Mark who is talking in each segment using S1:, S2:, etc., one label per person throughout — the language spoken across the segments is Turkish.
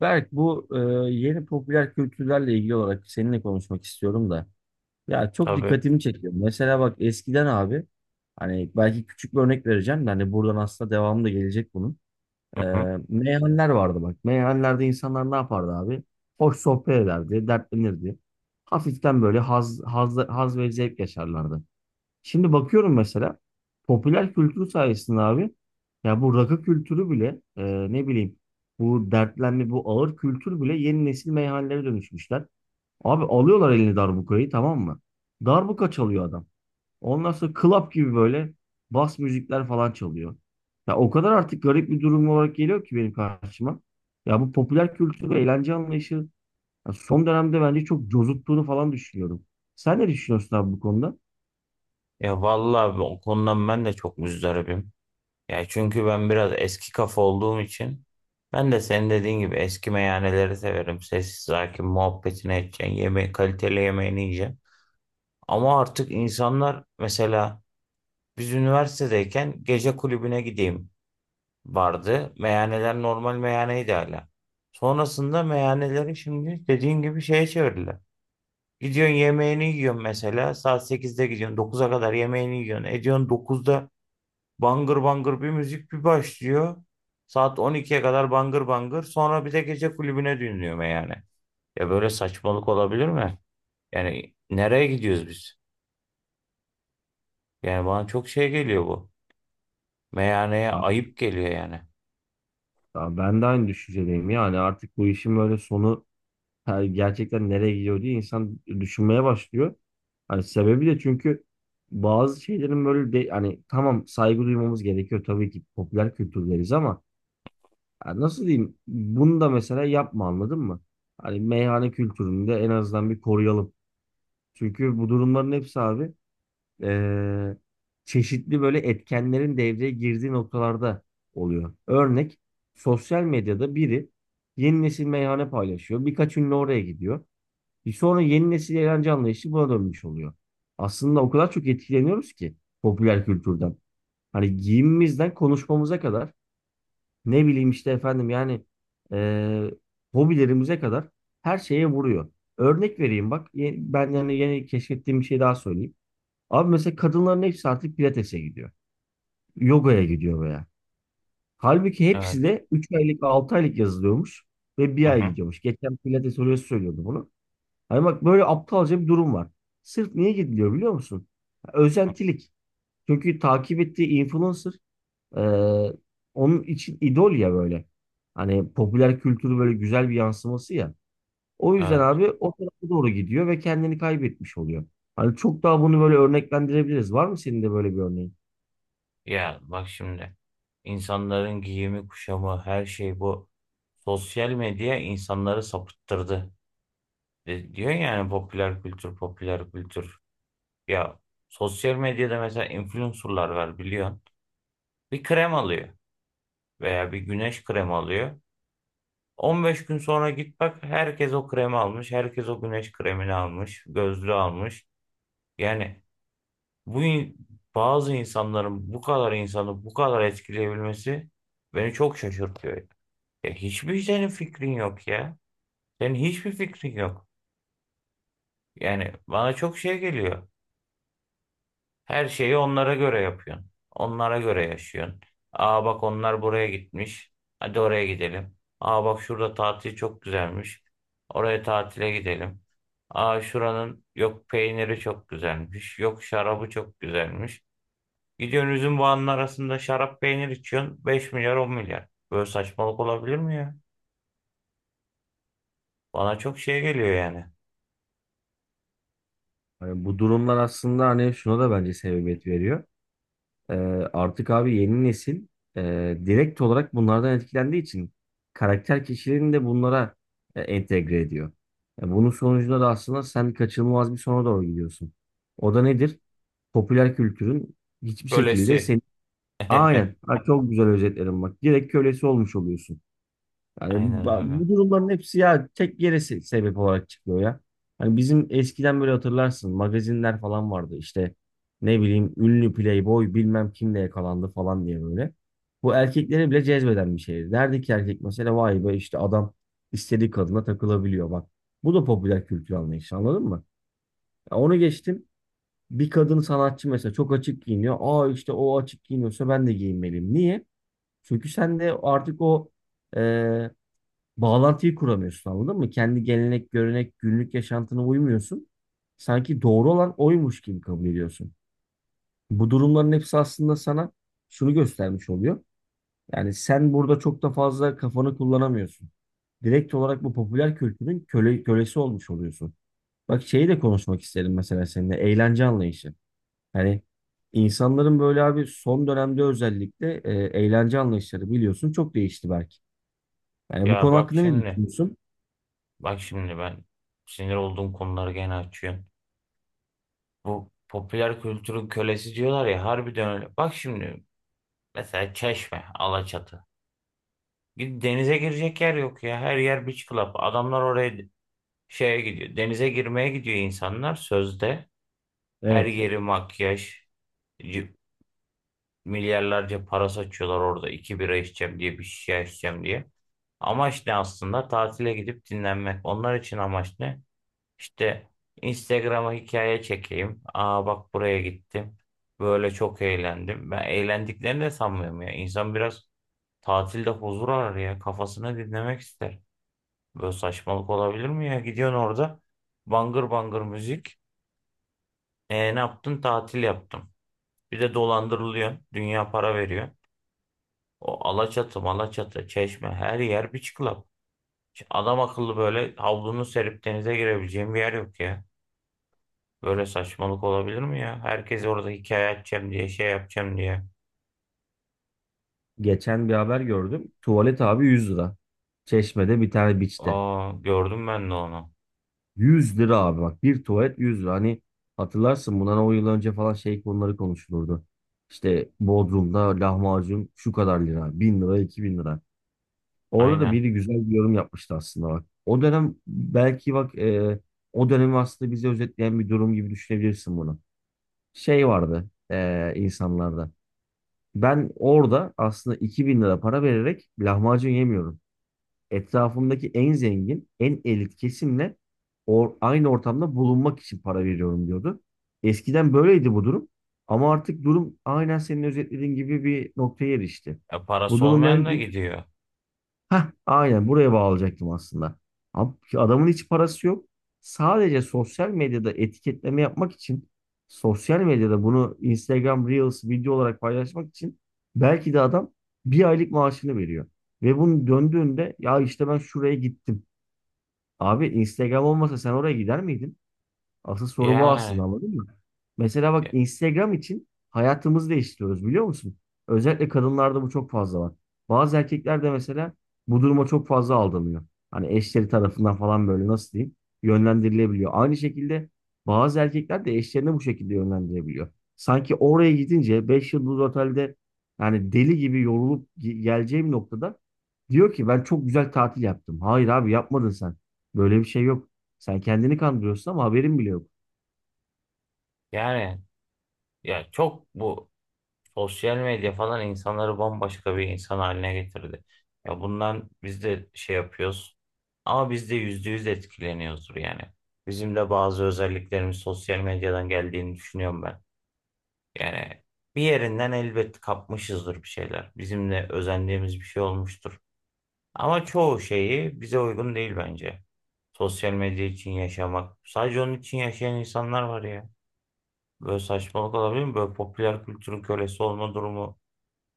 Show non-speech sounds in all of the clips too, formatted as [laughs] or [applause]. S1: Berk, bu yeni popüler kültürlerle ilgili olarak seninle konuşmak istiyorum da. Ya çok
S2: Tabii.
S1: dikkatimi çekiyor. Mesela bak eskiden abi hani belki küçük bir örnek vereceğim de hani buradan aslında devamı da gelecek bunun. E,
S2: Hı hı.
S1: Meyhaneler vardı bak. Meyhanelerde insanlar ne yapardı abi? Hoş sohbet ederdi, dertlenirdi. Hafiften böyle haz, haz, haz ve zevk yaşarlardı. Şimdi bakıyorum mesela popüler kültür sayesinde abi ya bu rakı kültürü bile ne bileyim bu dertlenme bu ağır kültür bile yeni nesil meyhanelere dönüşmüşler. Abi alıyorlar eline darbukayı, tamam mı? Darbuka çalıyor adam. Ondan sonra club gibi böyle bas müzikler falan çalıyor. Ya o kadar artık garip bir durum olarak geliyor ki benim karşıma. Ya bu popüler kültür ve eğlence anlayışı ya son dönemde bence çok cozuttuğunu falan düşünüyorum. Sen ne düşünüyorsun abi bu konuda?
S2: Ya vallahi o konudan ben de çok muzdaribim. Ya çünkü ben biraz eski kafa olduğum için ben de senin dediğin gibi eski meyhaneleri severim. Sessiz sakin muhabbetini edeceksin. Yemeği, kaliteli yemeğini yiyeceksin. Ama artık insanlar mesela biz üniversitedeyken gece kulübüne gideyim vardı. Meyhaneler normal meyhaneydi hala. Sonrasında meyhaneleri şimdi dediğin gibi şeye çevirdiler. Gidiyorsun yemeğini yiyorsun mesela. Saat 8'de gidiyorsun. Dokuza kadar yemeğini yiyorsun. Ediyorsun 9'da bangır bangır bir müzik bir başlıyor. Saat 12'ye kadar bangır bangır. Sonra bir de gece kulübüne dönüyorum yani. Ya böyle saçmalık olabilir mi? Yani nereye gidiyoruz biz? Yani bana çok şey geliyor bu. Meyhaneye ayıp geliyor yani.
S1: Ya ben de aynı düşüncedeyim yani artık bu işin böyle sonu gerçekten nereye gidiyor diye insan düşünmeye başlıyor. Hani sebebi de çünkü bazı şeylerin böyle de, hani tamam saygı duymamız gerekiyor tabii ki popüler kültürleriz ama ya nasıl diyeyim bunu da mesela yapma, anladın mı? Hani meyhane kültürünü de en azından bir koruyalım. Çünkü bu durumların hepsi abi e, çeşitli böyle etkenlerin devreye girdiği noktalarda oluyor. Örnek, sosyal medyada biri yeni nesil meyhane paylaşıyor. Birkaç ünlü oraya gidiyor. Bir sonra yeni nesil eğlence anlayışı buna dönmüş oluyor. Aslında o kadar çok etkileniyoruz ki popüler kültürden. Hani giyimimizden konuşmamıza kadar ne bileyim işte efendim yani e, hobilerimize kadar her şeye vuruyor. Örnek vereyim bak. Ben yani yeni keşfettiğim bir şey daha söyleyeyim. Abi mesela kadınların hepsi artık pilatese gidiyor. Yogaya gidiyor veya. Halbuki hepsi
S2: Evet.
S1: de 3 aylık 6 aylık yazılıyormuş ve bir
S2: Hı
S1: ay
S2: hı.
S1: gidiyormuş. Geçen pilates hocası söylüyordu bunu. Hani bak böyle aptalca bir durum var. Sırf niye gidiliyor biliyor musun? Özentilik. Çünkü takip ettiği influencer e, onun için idol ya böyle. Hani popüler kültürü böyle güzel bir yansıması ya. O yüzden
S2: Evet.
S1: abi o tarafa doğru gidiyor ve kendini kaybetmiş oluyor. Hani çok daha bunu böyle örneklendirebiliriz. Var mı senin de böyle bir örneğin?
S2: Ya bak şimdi. İnsanların giyimi, kuşamı, her şey bu. Sosyal medya insanları sapıttırdı. Diyor yani popüler kültür, popüler kültür. Ya sosyal medyada mesela influencerlar var biliyorsun. Bir krem alıyor veya bir güneş kremi alıyor. On beş gün sonra git bak herkes o kremi almış, herkes o güneş kremini almış, gözlüğü almış. Yani bu in- bazı insanların bu kadar insanı bu kadar etkileyebilmesi beni çok şaşırtıyor. Ya hiçbir senin fikrin yok ya. Senin hiçbir fikrin yok. Yani bana çok şey geliyor. Her şeyi onlara göre yapıyorsun. Onlara göre yaşıyorsun. Aa bak onlar buraya gitmiş. Hadi oraya gidelim. Aa bak şurada tatil çok güzelmiş. Oraya tatile gidelim. Aa şuranın yok peyniri çok güzelmiş. Yok şarabı çok güzelmiş. Gidiyorsun üzüm bağının arasında şarap peynir içiyorsun. Beş milyar, 10 milyar. Böyle saçmalık olabilir mi ya? Bana çok şey geliyor yani.
S1: Hani bu durumlar aslında hani şuna da bence sebebiyet veriyor. Ee, Artık abi yeni nesil direkt olarak bunlardan etkilendiği için karakter kişilerini de bunlara entegre ediyor. Bunun sonucunda da aslında sen kaçınılmaz bir sona doğru gidiyorsun. O da nedir? Popüler kültürün hiçbir şekilde
S2: Kölesi.
S1: seni...
S2: [laughs]
S1: Aynen. Ha, çok güzel özetledim bak. Direkt kölesi olmuş oluyorsun. Yani
S2: Aynen öyle.
S1: bu durumların hepsi ya tek yere sebep olarak çıkıyor ya. Hani bizim eskiden böyle hatırlarsın magazinler falan vardı işte ne bileyim ünlü playboy bilmem kimle yakalandı falan diye böyle. Bu erkekleri bile cezbeden bir şeydi. Derdi ki erkek mesela vay be işte adam istediği kadına takılabiliyor bak. Bu da popüler kültür anlayışı, anladın mı? Ya onu geçtim. Bir kadın sanatçı mesela çok açık giyiniyor. Aa işte o açık giyiniyorsa ben de giyinmeliyim. Niye? Çünkü sen de artık o bağlantıyı kuramıyorsun, anladın mı? Kendi gelenek, görenek, günlük yaşantına uymuyorsun. Sanki doğru olan oymuş gibi kabul ediyorsun. Bu durumların hepsi aslında sana şunu göstermiş oluyor. Yani sen burada çok da fazla kafanı kullanamıyorsun. Direkt olarak bu popüler kültürün kölesi olmuş oluyorsun. Bak şeyi de konuşmak isterim mesela seninle. Eğlence anlayışı. Hani insanların böyle abi son dönemde özellikle eğlence anlayışları biliyorsun çok değişti belki. Yani bu
S2: Ya
S1: konu
S2: bak
S1: hakkında ne
S2: şimdi.
S1: düşünüyorsun?
S2: Bak şimdi ben sinir olduğum konuları gene açıyorsun. Bu popüler kültürün kölesi diyorlar ya harbiden öyle. Bak şimdi mesela Çeşme, Alaçatı. Denize girecek yer yok ya. Her yer beach club. Adamlar oraya şeye gidiyor. Denize girmeye gidiyor insanlar sözde. Her
S1: Evet.
S2: yeri makyaj. c- Milyarlarca para saçıyorlar orada. İki bira içeceğim diye bir şişe içeceğim diye. Amaç ne aslında? Tatile gidip dinlenmek. Onlar için amaç ne? İşte Instagram'a hikaye çekeyim. Aa bak buraya gittim. Böyle çok eğlendim. Ben eğlendiklerini de sanmıyorum ya. İnsan biraz tatilde huzur arar ya. Kafasını dinlemek ister. Böyle saçmalık olabilir mi ya? Gidiyorsun orada bangır bangır müzik. E, ne yaptın? Tatil yaptım. Bir de dolandırılıyorsun. Dünya para veriyor. O Alaçatı, Malaçatı, Çeşme her yer beach club. Adam akıllı böyle havlunu serip denize girebileceğim bir yer yok ya. Böyle saçmalık olabilir mi ya? Herkes orada hikaye açacağım diye şey yapacağım diye.
S1: Geçen bir haber gördüm. Tuvalet abi 100 lira. Çeşme'de bir tane beach'te.
S2: Aa gördüm ben de onu.
S1: 100 lira abi bak, bir tuvalet 100 lira. Hani hatırlarsın bundan 10 yıl önce falan şey konuları konuşulurdu. İşte Bodrum'da lahmacun şu kadar lira. 1.000 lira, 2.000 lira. Orada da
S2: Aynen.
S1: biri güzel bir yorum yapmıştı aslında bak. O dönem belki bak o dönemi aslında bize özetleyen bir durum gibi düşünebilirsin bunu. Şey vardı insanlarda. Ben orada aslında 2.000 lira para vererek lahmacun yemiyorum. Etrafımdaki en zengin, en elit kesimle aynı ortamda bulunmak için para veriyorum diyordu. Eskiden böyleydi bu durum. Ama artık durum aynen senin özetlediğin gibi bir noktaya erişti.
S2: E,
S1: Bu
S2: parası olmayan
S1: durumdan...
S2: da gidiyor.
S1: Heh, aynen buraya bağlayacaktım aslında. Abi, adamın hiç parası yok. Sadece sosyal medyada etiketleme yapmak için, sosyal medyada bunu Instagram Reels video olarak paylaşmak için belki de adam bir aylık maaşını veriyor. Ve bunun döndüğünde ya işte ben şuraya gittim. Abi Instagram olmasa sen oraya gider miydin? Asıl soru bu aslında,
S2: Yani
S1: anladın mı? Mesela bak Instagram için hayatımızı değiştiriyoruz, biliyor musun? Özellikle kadınlarda bu çok fazla var. Bazı erkekler de mesela bu duruma çok fazla aldanıyor. Hani eşleri tarafından falan böyle nasıl diyeyim yönlendirilebiliyor. Aynı şekilde bazı erkekler de eşlerini bu şekilde yönlendirebiliyor. Sanki oraya gidince 5 yıldız otelde yani deli gibi yorulup geleceğim noktada diyor ki ben çok güzel tatil yaptım. Hayır abi yapmadın sen. Böyle bir şey yok. Sen kendini kandırıyorsun ama haberin bile yok.
S2: yani ya çok bu sosyal medya falan insanları bambaşka bir insan haline getirdi. Ya bundan biz de şey yapıyoruz. Ama biz de %100 etkileniyoruzdur yani. Bizim de bazı özelliklerimiz sosyal medyadan geldiğini düşünüyorum ben. Yani bir yerinden elbet kapmışızdır bir şeyler. Bizim de özendiğimiz bir şey olmuştur. Ama çoğu şeyi bize uygun değil bence. Sosyal medya için yaşamak. Sadece onun için yaşayan insanlar var ya. Böyle saçmalık olabilir mi? Böyle popüler kültürün kölesi olma durumu.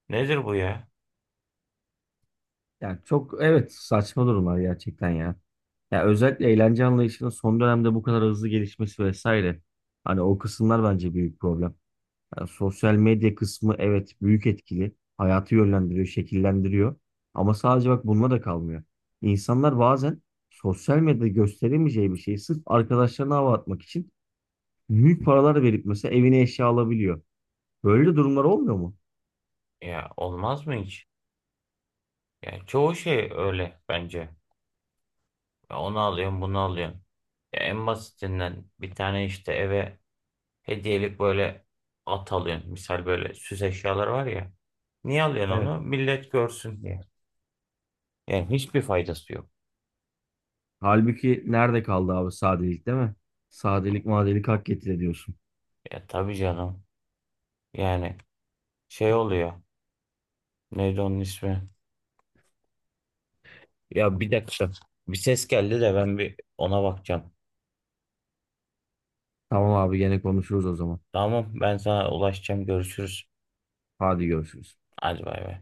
S2: Nedir bu ya?
S1: Yani çok evet, saçma durumlar gerçekten ya. Ya özellikle eğlence anlayışının son dönemde bu kadar hızlı gelişmesi vesaire. Hani o kısımlar bence büyük problem. Yani sosyal medya kısmı evet büyük etkili. Hayatı yönlendiriyor, şekillendiriyor. Ama sadece bak bununla da kalmıyor. İnsanlar bazen sosyal medyada gösteremeyeceği bir şeyi sırf arkadaşlarına hava atmak için büyük paralar verip mesela evine eşya alabiliyor. Böyle durumlar olmuyor mu?
S2: Ya olmaz mı hiç? Ya çoğu şey öyle bence. Ya onu alıyorsun, bunu alıyorsun. Ya en basitinden bir tane işte eve hediyelik böyle at alıyorsun. Misal böyle süs eşyaları var ya. Niye alıyorsun
S1: Evet.
S2: onu? Millet görsün diye. Yani hiçbir faydası yok.
S1: Halbuki nerede kaldı abi sadelik, değil mi? Sadelik madelik hak getire diyorsun.
S2: Ya tabii canım. Yani şey oluyor. Neydi onun ismi? Ya bir dakika. Bir ses geldi de ben bir ona bakacağım.
S1: Tamam abi gene konuşuruz o zaman.
S2: Tamam ben sana ulaşacağım. Görüşürüz.
S1: Hadi görüşürüz.
S2: Hadi bay bay.